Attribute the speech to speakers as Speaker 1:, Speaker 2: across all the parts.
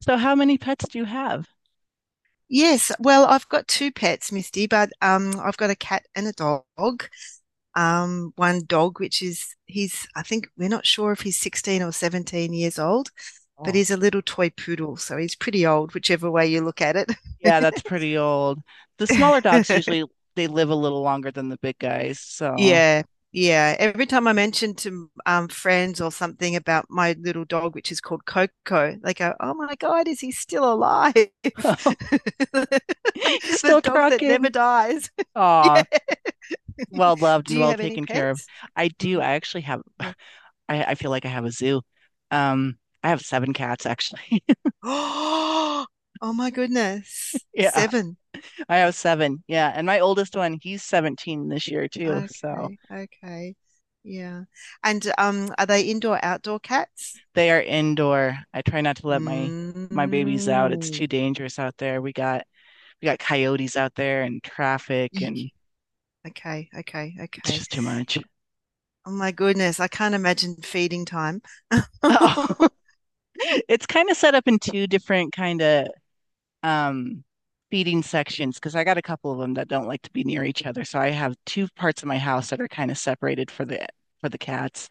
Speaker 1: So how many pets do you have?
Speaker 2: Yes, well, I've got two pets, Misty, but I've got a cat and a dog. One dog, which is he's, I think we're not sure if he's 16 or 17 years old, but
Speaker 1: Oh,
Speaker 2: he's a little toy poodle, so he's pretty old, whichever way you look at it.
Speaker 1: yeah, that's pretty old. The smaller dogs usually they live a little longer than the big guys, so
Speaker 2: Yeah, yeah. Every time I mention to friends or something about my little dog, which is called Coco, they go, "Oh my God, is he still alive?
Speaker 1: he's
Speaker 2: The
Speaker 1: still
Speaker 2: dog that never
Speaker 1: trucking.
Speaker 2: dies." Yeah.
Speaker 1: Aw, well loved
Speaker 2: Do
Speaker 1: and
Speaker 2: you
Speaker 1: well
Speaker 2: have any
Speaker 1: taken care of.
Speaker 2: pets?
Speaker 1: I do.
Speaker 2: Mm,
Speaker 1: I actually have
Speaker 2: yeah.
Speaker 1: I feel like I have a zoo. I have 7 cats actually.
Speaker 2: Oh, oh my goodness.
Speaker 1: Yeah,
Speaker 2: Seven.
Speaker 1: I have seven. Yeah, and my oldest one, he's 17 this year too. So
Speaker 2: Okay, okay. Yeah. And are they indoor outdoor cats?
Speaker 1: they are indoor. I try not to let my babies out. It's
Speaker 2: Mm.
Speaker 1: too dangerous out there. We got coyotes out there and traffic and
Speaker 2: Eek. Okay, okay,
Speaker 1: it's
Speaker 2: okay.
Speaker 1: just too much.
Speaker 2: Oh my goodness, I can't imagine feeding time.
Speaker 1: Oh, it's kind of set up in two different kind of um feeding sections because I got a couple of them that don't like to be near each other. So I have two parts of my house that are kind of separated for the cats.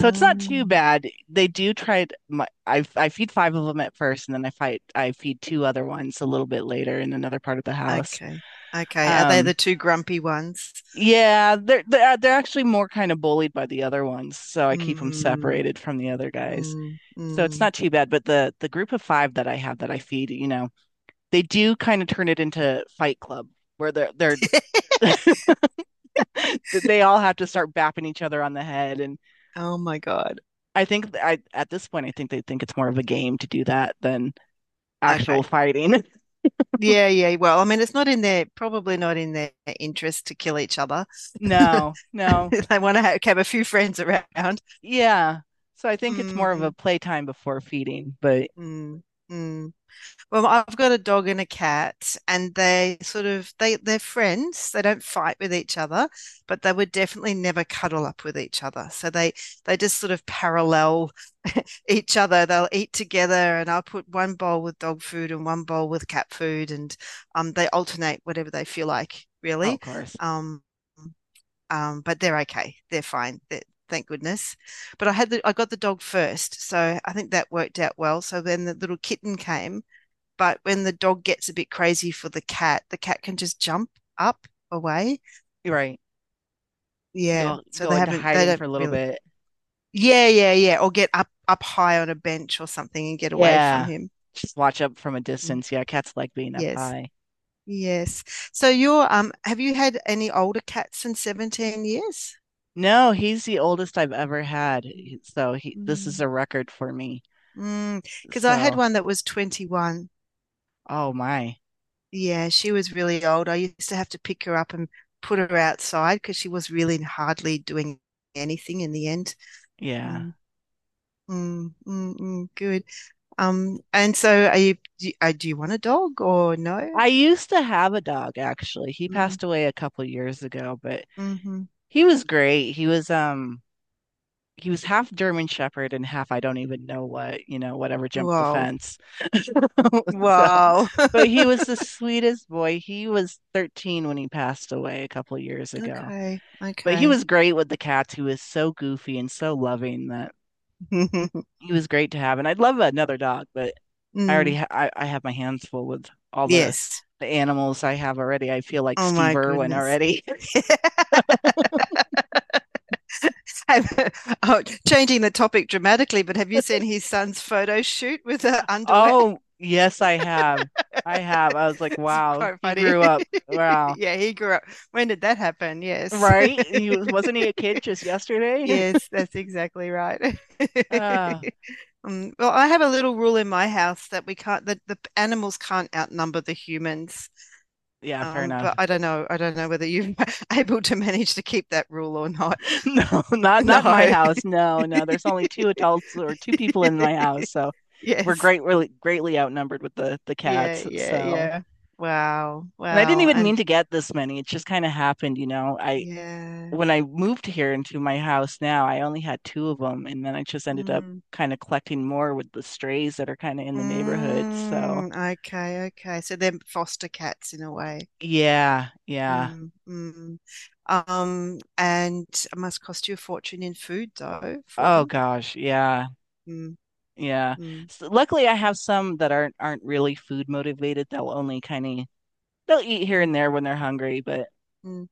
Speaker 1: So it's not too bad. They do try to, my, I feed 5 of them at first and then I feed two other ones a little bit later in another part of the house.
Speaker 2: okay, okay. Are they
Speaker 1: Um
Speaker 2: the two grumpy ones?
Speaker 1: Yeah, they're they're actually more kind of bullied by the other ones, so I keep them
Speaker 2: Mm,
Speaker 1: separated from the other guys.
Speaker 2: mm,
Speaker 1: So it's
Speaker 2: mm.
Speaker 1: not too bad, but the group of 5 that I have that I feed, you know, they do kind of turn it into Fight Club where they're they all have to start bapping each other on the head, and
Speaker 2: Oh my God.
Speaker 1: I at this point I think they think it's more of a game to do that than
Speaker 2: Okay.
Speaker 1: actual fighting.
Speaker 2: Yeah, yeah. Well, I mean, it's not in their, probably not in their, interest to kill each other.
Speaker 1: No, no,
Speaker 2: They want to have a few friends around.
Speaker 1: yeah. So I think it's more of a
Speaker 2: Mm,
Speaker 1: playtime before feeding, but
Speaker 2: mm, mm. Well, I've got a dog and a cat, and they sort of they're friends. They don't fight with each other, but they would definitely never cuddle up with each other. So they just sort of parallel each other. They'll eat together, and I'll put one bowl with dog food and one bowl with cat food, and they alternate whatever they feel like,
Speaker 1: oh, of
Speaker 2: really.
Speaker 1: course,
Speaker 2: Um, but they're okay. They're fine. Thank goodness. But I got the dog first, so I think that worked out well. So then the little kitten came, but when the dog gets a bit crazy for the cat can just jump up away.
Speaker 1: you're right.
Speaker 2: Yeah.
Speaker 1: go
Speaker 2: So
Speaker 1: go into
Speaker 2: they
Speaker 1: hiding for
Speaker 2: don't
Speaker 1: a little
Speaker 2: really.
Speaker 1: bit.
Speaker 2: Yeah, yeah, yeah. Or get up high on a bench or something and get away from
Speaker 1: Yeah.
Speaker 2: him.
Speaker 1: Just watch up from a
Speaker 2: Mm,
Speaker 1: distance. Yeah, cats like being up
Speaker 2: yes.
Speaker 1: high.
Speaker 2: Yes. So you're have you had any older cats in 17 years?
Speaker 1: No, he's the oldest I've ever had. So he this is
Speaker 2: Mm.
Speaker 1: a record for me.
Speaker 2: Mm. Because I had
Speaker 1: So,
Speaker 2: one that was 21.
Speaker 1: oh my.
Speaker 2: Yeah, she was really old. I used to have to pick her up and put her outside because she was really hardly doing anything in the end.
Speaker 1: Yeah.
Speaker 2: Um, Mm, mm, mm, good. And so are you, do you, do you want a dog or no?
Speaker 1: I used to have a dog actually. He
Speaker 2: Mm,
Speaker 1: passed away a couple years ago, but
Speaker 2: mm-hmm.
Speaker 1: he was great. He was half German Shepherd and half I don't even know what, you know, whatever jumped the
Speaker 2: Wow.
Speaker 1: fence. So,
Speaker 2: Wow.
Speaker 1: but he was the sweetest boy. He was 13 when he passed away a couple of years ago.
Speaker 2: Okay.
Speaker 1: But he
Speaker 2: Okay.
Speaker 1: was great with the cats. He was so goofy and so loving that he was great to have. And I'd love another dog, but I already
Speaker 2: Mm,
Speaker 1: ha I have my hands full with all
Speaker 2: yes.
Speaker 1: the animals I have already. I feel like
Speaker 2: Oh my
Speaker 1: Steve Irwin
Speaker 2: goodness.
Speaker 1: already.
Speaker 2: Have, oh, changing the topic dramatically, but have you seen his son's photo shoot with the underwear?
Speaker 1: Oh, yes, I have. I have. I was like,
Speaker 2: It's
Speaker 1: wow,
Speaker 2: quite
Speaker 1: he
Speaker 2: funny.
Speaker 1: grew up. Wow.
Speaker 2: Yeah, he grew up. When did that happen? Yes.
Speaker 1: Right? He was, wasn't he a kid just yesterday?
Speaker 2: Yes, that's exactly right.
Speaker 1: Uh,
Speaker 2: Well, I have a little rule in my house that we can't, that the animals can't outnumber the humans.
Speaker 1: yeah, fair
Speaker 2: But
Speaker 1: enough.
Speaker 2: I don't know. I don't know whether you're able to manage to keep that rule or not.
Speaker 1: No, not
Speaker 2: No.
Speaker 1: not in my house. No, no. There's only two adults or two people in my house, so we're
Speaker 2: Yes.
Speaker 1: great really greatly outnumbered with the
Speaker 2: Yeah,
Speaker 1: cats.
Speaker 2: yeah,
Speaker 1: So,
Speaker 2: yeah. Wow.
Speaker 1: and I didn't
Speaker 2: Wow.
Speaker 1: even mean
Speaker 2: And
Speaker 1: to get this many. It just kind of happened, you know. I
Speaker 2: yeah.
Speaker 1: When I moved here into my house now, I only had two of them, and then I just ended up
Speaker 2: Mm.
Speaker 1: kind of collecting more with the strays that are kind of in the neighborhood. So,
Speaker 2: Mm. Okay, okay. So they're foster cats in a way.
Speaker 1: yeah, yeah.
Speaker 2: Mm. Mm. And it must cost you a fortune in food, though, for
Speaker 1: Oh
Speaker 2: them.
Speaker 1: gosh, yeah.
Speaker 2: Mm,
Speaker 1: Yeah.
Speaker 2: mm,
Speaker 1: So luckily, I have some that aren't really food motivated. They'll only kind of they'll eat here
Speaker 2: mm,
Speaker 1: and there when they're hungry, but
Speaker 2: mm.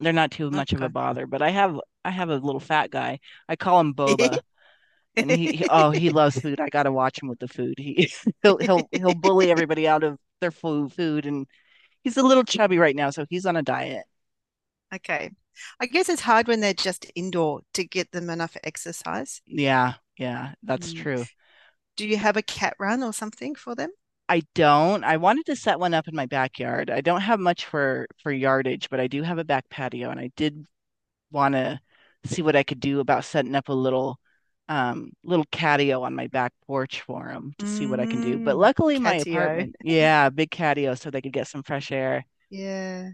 Speaker 1: they're not too much of a
Speaker 2: Okay.
Speaker 1: bother. But I have a little fat guy. I call him Boba, and he loves food. I gotta watch him with the food. He he'll bully everybody out of their food, and he's a little chubby right now, so he's on a diet.
Speaker 2: Okay. I guess it's hard when they're just indoor to get them enough exercise.
Speaker 1: Yeah, yeah, that's
Speaker 2: Mm.
Speaker 1: true.
Speaker 2: Do you have a cat run or something for them?
Speaker 1: I don't. I wanted to set one up in my backyard. I don't have much for yardage, but I do have a back patio, and I did want to see what I could do about setting up a little little catio on my back porch for them to see what I can do. But
Speaker 2: Mm,
Speaker 1: luckily my
Speaker 2: catio.
Speaker 1: apartment, yeah, big catio so they could get some fresh air.
Speaker 2: Yeah.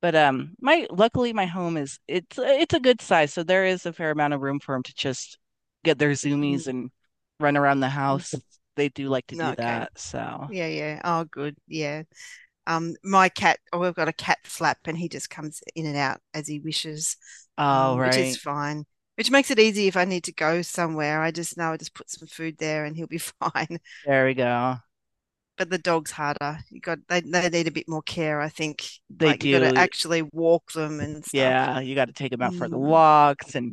Speaker 1: But my luckily my home is it's a good size, so there is a fair amount of room for them to just get their zoomies
Speaker 2: Mm,
Speaker 1: and run around the
Speaker 2: mm.
Speaker 1: house. They do like to
Speaker 2: No,
Speaker 1: do
Speaker 2: okay.
Speaker 1: that. So,
Speaker 2: Yeah, yeah. Oh, good. Yeah. Oh, I've got a cat flap, and he just comes in and out as he wishes,
Speaker 1: all
Speaker 2: which is
Speaker 1: right.
Speaker 2: fine. Which makes it easy if I need to go somewhere. I just put some food there and he'll be fine.
Speaker 1: There we go.
Speaker 2: But the dog's harder. You got they need a bit more care, I think.
Speaker 1: They
Speaker 2: Like, you got to
Speaker 1: do.
Speaker 2: actually walk them and stuff.
Speaker 1: Yeah, you got to take them out for the
Speaker 2: Mm,
Speaker 1: walks and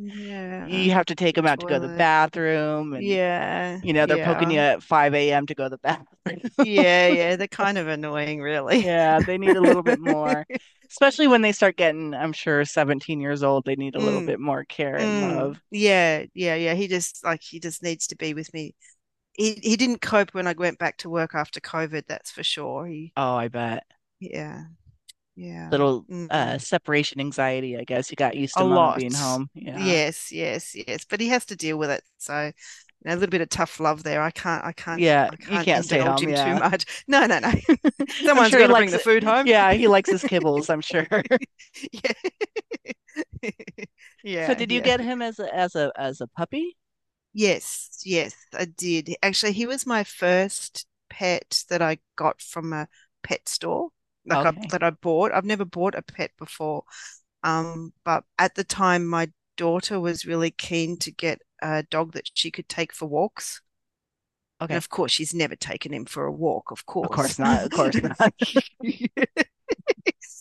Speaker 1: you have to take
Speaker 2: the
Speaker 1: them out to go to the
Speaker 2: toilet.
Speaker 1: bathroom and
Speaker 2: Yeah,
Speaker 1: you know they're poking you
Speaker 2: yeah,
Speaker 1: at 5 a.m. to go to the bathroom.
Speaker 2: yeah, yeah. They're kind of annoying, really.
Speaker 1: Yeah, they need a little bit more, especially when they start getting, I'm sure, 17 years old, they need a little
Speaker 2: Mm.
Speaker 1: bit more care and
Speaker 2: Mm,
Speaker 1: love.
Speaker 2: yeah, yeah, yeah. He just Like, he just needs to be with me. He didn't cope when I went back to work after COVID, that's for sure. He
Speaker 1: Oh, I bet.
Speaker 2: Yeah, yeah.
Speaker 1: Little
Speaker 2: Mm,
Speaker 1: separation anxiety, I guess. You got used to
Speaker 2: a
Speaker 1: mama being
Speaker 2: lot.
Speaker 1: home. Yeah.
Speaker 2: Yes, yes, yes. But he has to deal with it. So, a little bit of tough love there. I can't I can't
Speaker 1: Yeah,
Speaker 2: I
Speaker 1: you
Speaker 2: can't
Speaker 1: can't stay
Speaker 2: indulge
Speaker 1: home.
Speaker 2: him too
Speaker 1: Yeah.
Speaker 2: much. No, no, no.
Speaker 1: I'm
Speaker 2: Someone's
Speaker 1: sure
Speaker 2: got
Speaker 1: he
Speaker 2: to bring
Speaker 1: likes
Speaker 2: the food
Speaker 1: it.
Speaker 2: home.
Speaker 1: Yeah, he likes his kibbles, I'm sure.
Speaker 2: Yeah.
Speaker 1: So
Speaker 2: Yeah,
Speaker 1: did you
Speaker 2: yeah.
Speaker 1: get him as a puppy?
Speaker 2: Yes, yes, I did. Actually, he was my first pet that I got from a pet store, like I
Speaker 1: Okay.
Speaker 2: that I bought. I've never bought a pet before. But at the time, my daughter was really keen to get a dog that she could take for walks. And
Speaker 1: Okay.
Speaker 2: of course, she's never taken him for a walk, of
Speaker 1: Of
Speaker 2: course.
Speaker 1: course not. Of course not.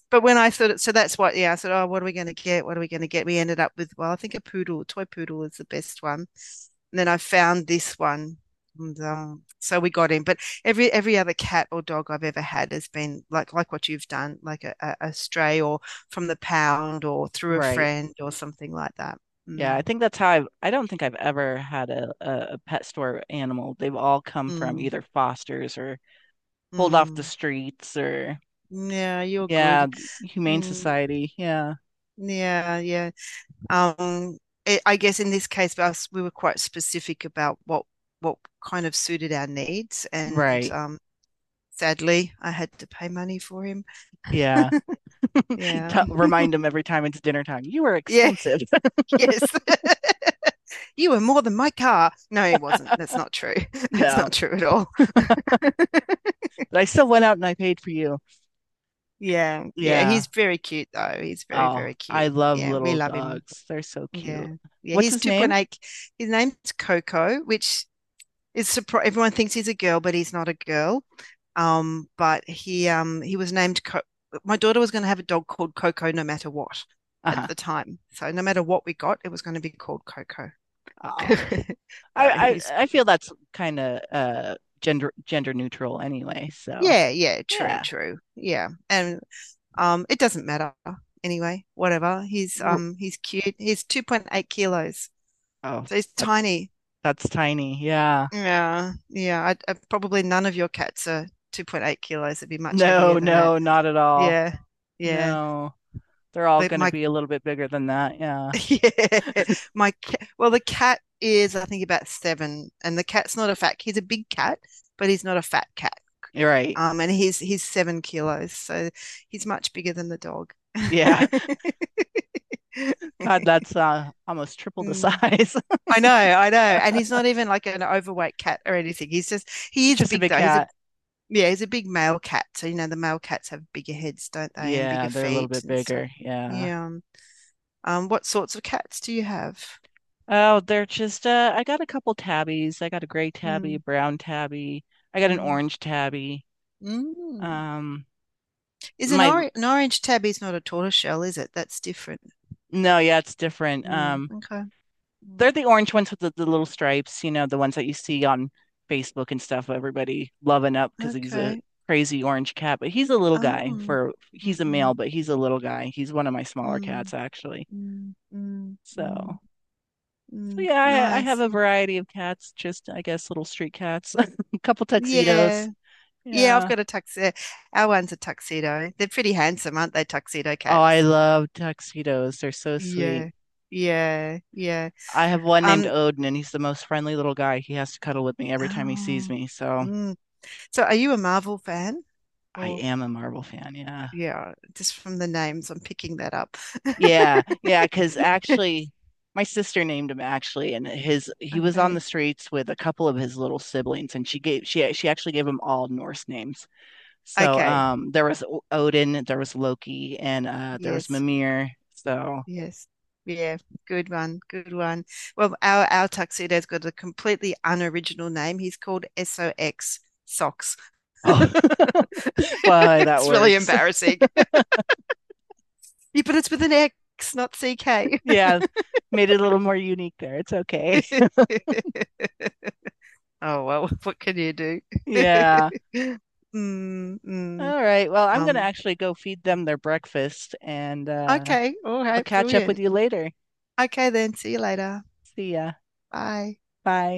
Speaker 2: But when I thought it, so that's why, yeah, I said, oh, what are we going to get? What are we going to get? We ended up with, well, I think a poodle, a toy poodle is the best one. And then I found this one. And, so we got him. But every other cat or dog I've ever had has been like what you've done, like a stray or from the pound or through a
Speaker 1: Right.
Speaker 2: friend or something like that.
Speaker 1: Yeah, I
Speaker 2: Mm,
Speaker 1: think that's how I've, I don't think I've ever had a pet store animal. They've all come from
Speaker 2: mm,
Speaker 1: either fosters or pulled off the
Speaker 2: mm.
Speaker 1: streets or,
Speaker 2: Yeah, you're
Speaker 1: yeah,
Speaker 2: good.
Speaker 1: the Humane
Speaker 2: Mm,
Speaker 1: Society. Yeah,
Speaker 2: yeah, yeah. Um, I guess in this case, us we were quite specific about what kind of suited our needs, and
Speaker 1: right.
Speaker 2: sadly, I had to pay money for him.
Speaker 1: Yeah.
Speaker 2: Yeah,
Speaker 1: Tell Remind them every time it's dinner time, you are
Speaker 2: yeah,
Speaker 1: expensive.
Speaker 2: yes. You were more than my car. No, it wasn't. That's not true. That's not
Speaker 1: No,
Speaker 2: true at all.
Speaker 1: but I still went out and I paid for you.
Speaker 2: Yeah, yeah.
Speaker 1: Yeah.
Speaker 2: He's very cute though. He's very,
Speaker 1: Oh,
Speaker 2: very
Speaker 1: I
Speaker 2: cute.
Speaker 1: love
Speaker 2: Yeah, we
Speaker 1: little
Speaker 2: love him.
Speaker 1: dogs. They're so cute.
Speaker 2: Yeah, yeah.
Speaker 1: What's
Speaker 2: He's
Speaker 1: his
Speaker 2: two point
Speaker 1: name?
Speaker 2: eight. His name's Coco, which is surprised. Everyone thinks he's a girl, but he's not a girl. But he was named my daughter was going to have a dog called Coco no matter what at
Speaker 1: Uh-huh.
Speaker 2: the time. So no matter what we got, it was going to be called Coco.
Speaker 1: Oh,
Speaker 2: so
Speaker 1: I,
Speaker 2: he's
Speaker 1: I feel that's kind of gender neutral anyway, so.
Speaker 2: Yeah, yeah, true,
Speaker 1: Yeah.
Speaker 2: true. Yeah. And it doesn't matter anyway, whatever. He's
Speaker 1: R-
Speaker 2: um he's cute. He's 2.8 kilos.
Speaker 1: Oh,
Speaker 2: So he's
Speaker 1: that's
Speaker 2: tiny.
Speaker 1: that's tiny. Yeah.
Speaker 2: Yeah. Yeah, I probably none of your cats are 2.8 kilos. It'd be much heavier
Speaker 1: No,
Speaker 2: than that.
Speaker 1: no, not at all.
Speaker 2: Yeah. Yeah.
Speaker 1: No. They're all
Speaker 2: But
Speaker 1: going to
Speaker 2: my
Speaker 1: be a little bit bigger than that. Yeah.
Speaker 2: Yeah, my cat. Well, the cat is, I think, about seven, and the cat's not a fat. He's a big cat, but he's not a fat cat.
Speaker 1: You're right.
Speaker 2: And he's 7 kilos, so he's much bigger than the dog.
Speaker 1: Yeah. God, that's almost triple the
Speaker 2: Mm.
Speaker 1: size.
Speaker 2: I know, and he's not even like an overweight cat or anything. He
Speaker 1: It's
Speaker 2: is
Speaker 1: just a
Speaker 2: big
Speaker 1: big
Speaker 2: though. He's a
Speaker 1: cat.
Speaker 2: Yeah, he's a big male cat. So the male cats have bigger heads, don't they, and bigger
Speaker 1: Yeah, they're a little
Speaker 2: feet
Speaker 1: bit
Speaker 2: and stuff.
Speaker 1: bigger. Yeah.
Speaker 2: Yeah. What sorts of cats do you have?
Speaker 1: Oh, they're just I got a couple tabbies. I got a gray tabby, a
Speaker 2: Mm.
Speaker 1: brown tabby. I got an
Speaker 2: Mm.
Speaker 1: orange tabby.
Speaker 2: Mm.
Speaker 1: Um
Speaker 2: Is an,
Speaker 1: my
Speaker 2: or an orange tabby is not a tortoiseshell, is it? That's different.
Speaker 1: no, yeah, it's different.
Speaker 2: Mm. Okay.
Speaker 1: They're the orange ones with the little stripes, you know, the ones that you see on Facebook and stuff. Everybody loving up because he's a
Speaker 2: Okay.
Speaker 1: crazy orange cat, but he's a little guy
Speaker 2: Oh.
Speaker 1: for he's a male,
Speaker 2: Mm,
Speaker 1: but he's a little guy. He's one of my smaller
Speaker 2: mm,
Speaker 1: cats actually.
Speaker 2: mm, mm, mm,
Speaker 1: So, so
Speaker 2: mm.
Speaker 1: yeah, I have
Speaker 2: Nice.
Speaker 1: a variety of cats, just I guess little street cats, a couple tuxedos.
Speaker 2: Yeah. Yeah, I've
Speaker 1: Yeah.
Speaker 2: got a tuxedo. Our one's a tuxedo. They're pretty handsome, aren't they, tuxedo
Speaker 1: Oh, I
Speaker 2: cats?
Speaker 1: love tuxedos. They're so sweet.
Speaker 2: Yeah. Yeah. Yeah.
Speaker 1: I have one named
Speaker 2: Um,
Speaker 1: Odin, and he's the most friendly little guy. He has to cuddle with me every time he sees
Speaker 2: oh.
Speaker 1: me. So
Speaker 2: Mm. So are you a Marvel fan?
Speaker 1: I
Speaker 2: Or
Speaker 1: am a Marvel fan. Yeah.
Speaker 2: Yeah, just from the names, I'm picking that up.
Speaker 1: Yeah, yeah, because actually, my sister named him actually, and his he was on the
Speaker 2: Okay.
Speaker 1: streets with a couple of his little siblings, and she actually gave them all Norse names. So
Speaker 2: Okay.
Speaker 1: there was Odin, there was Loki, and there was
Speaker 2: Yes.
Speaker 1: Mimir. So
Speaker 2: Yes. Yeah. Good one. Good one. Well, our tuxedo's got a completely unoriginal name. He's called SOX Socks.
Speaker 1: oh, why that
Speaker 2: It's really
Speaker 1: works.
Speaker 2: embarrassing. Yeah, but it's with an X, not CK.
Speaker 1: Yeah, made it a little more unique there. It's okay.
Speaker 2: Oh well, what can you do?
Speaker 1: Yeah.
Speaker 2: Mm, mm.
Speaker 1: All right. Well, I'm gonna
Speaker 2: Um,
Speaker 1: actually go feed them their breakfast, and
Speaker 2: okay. All
Speaker 1: I'll
Speaker 2: right.
Speaker 1: catch up with
Speaker 2: Brilliant.
Speaker 1: you later.
Speaker 2: Okay then. See you later.
Speaker 1: See ya.
Speaker 2: Bye.
Speaker 1: Bye.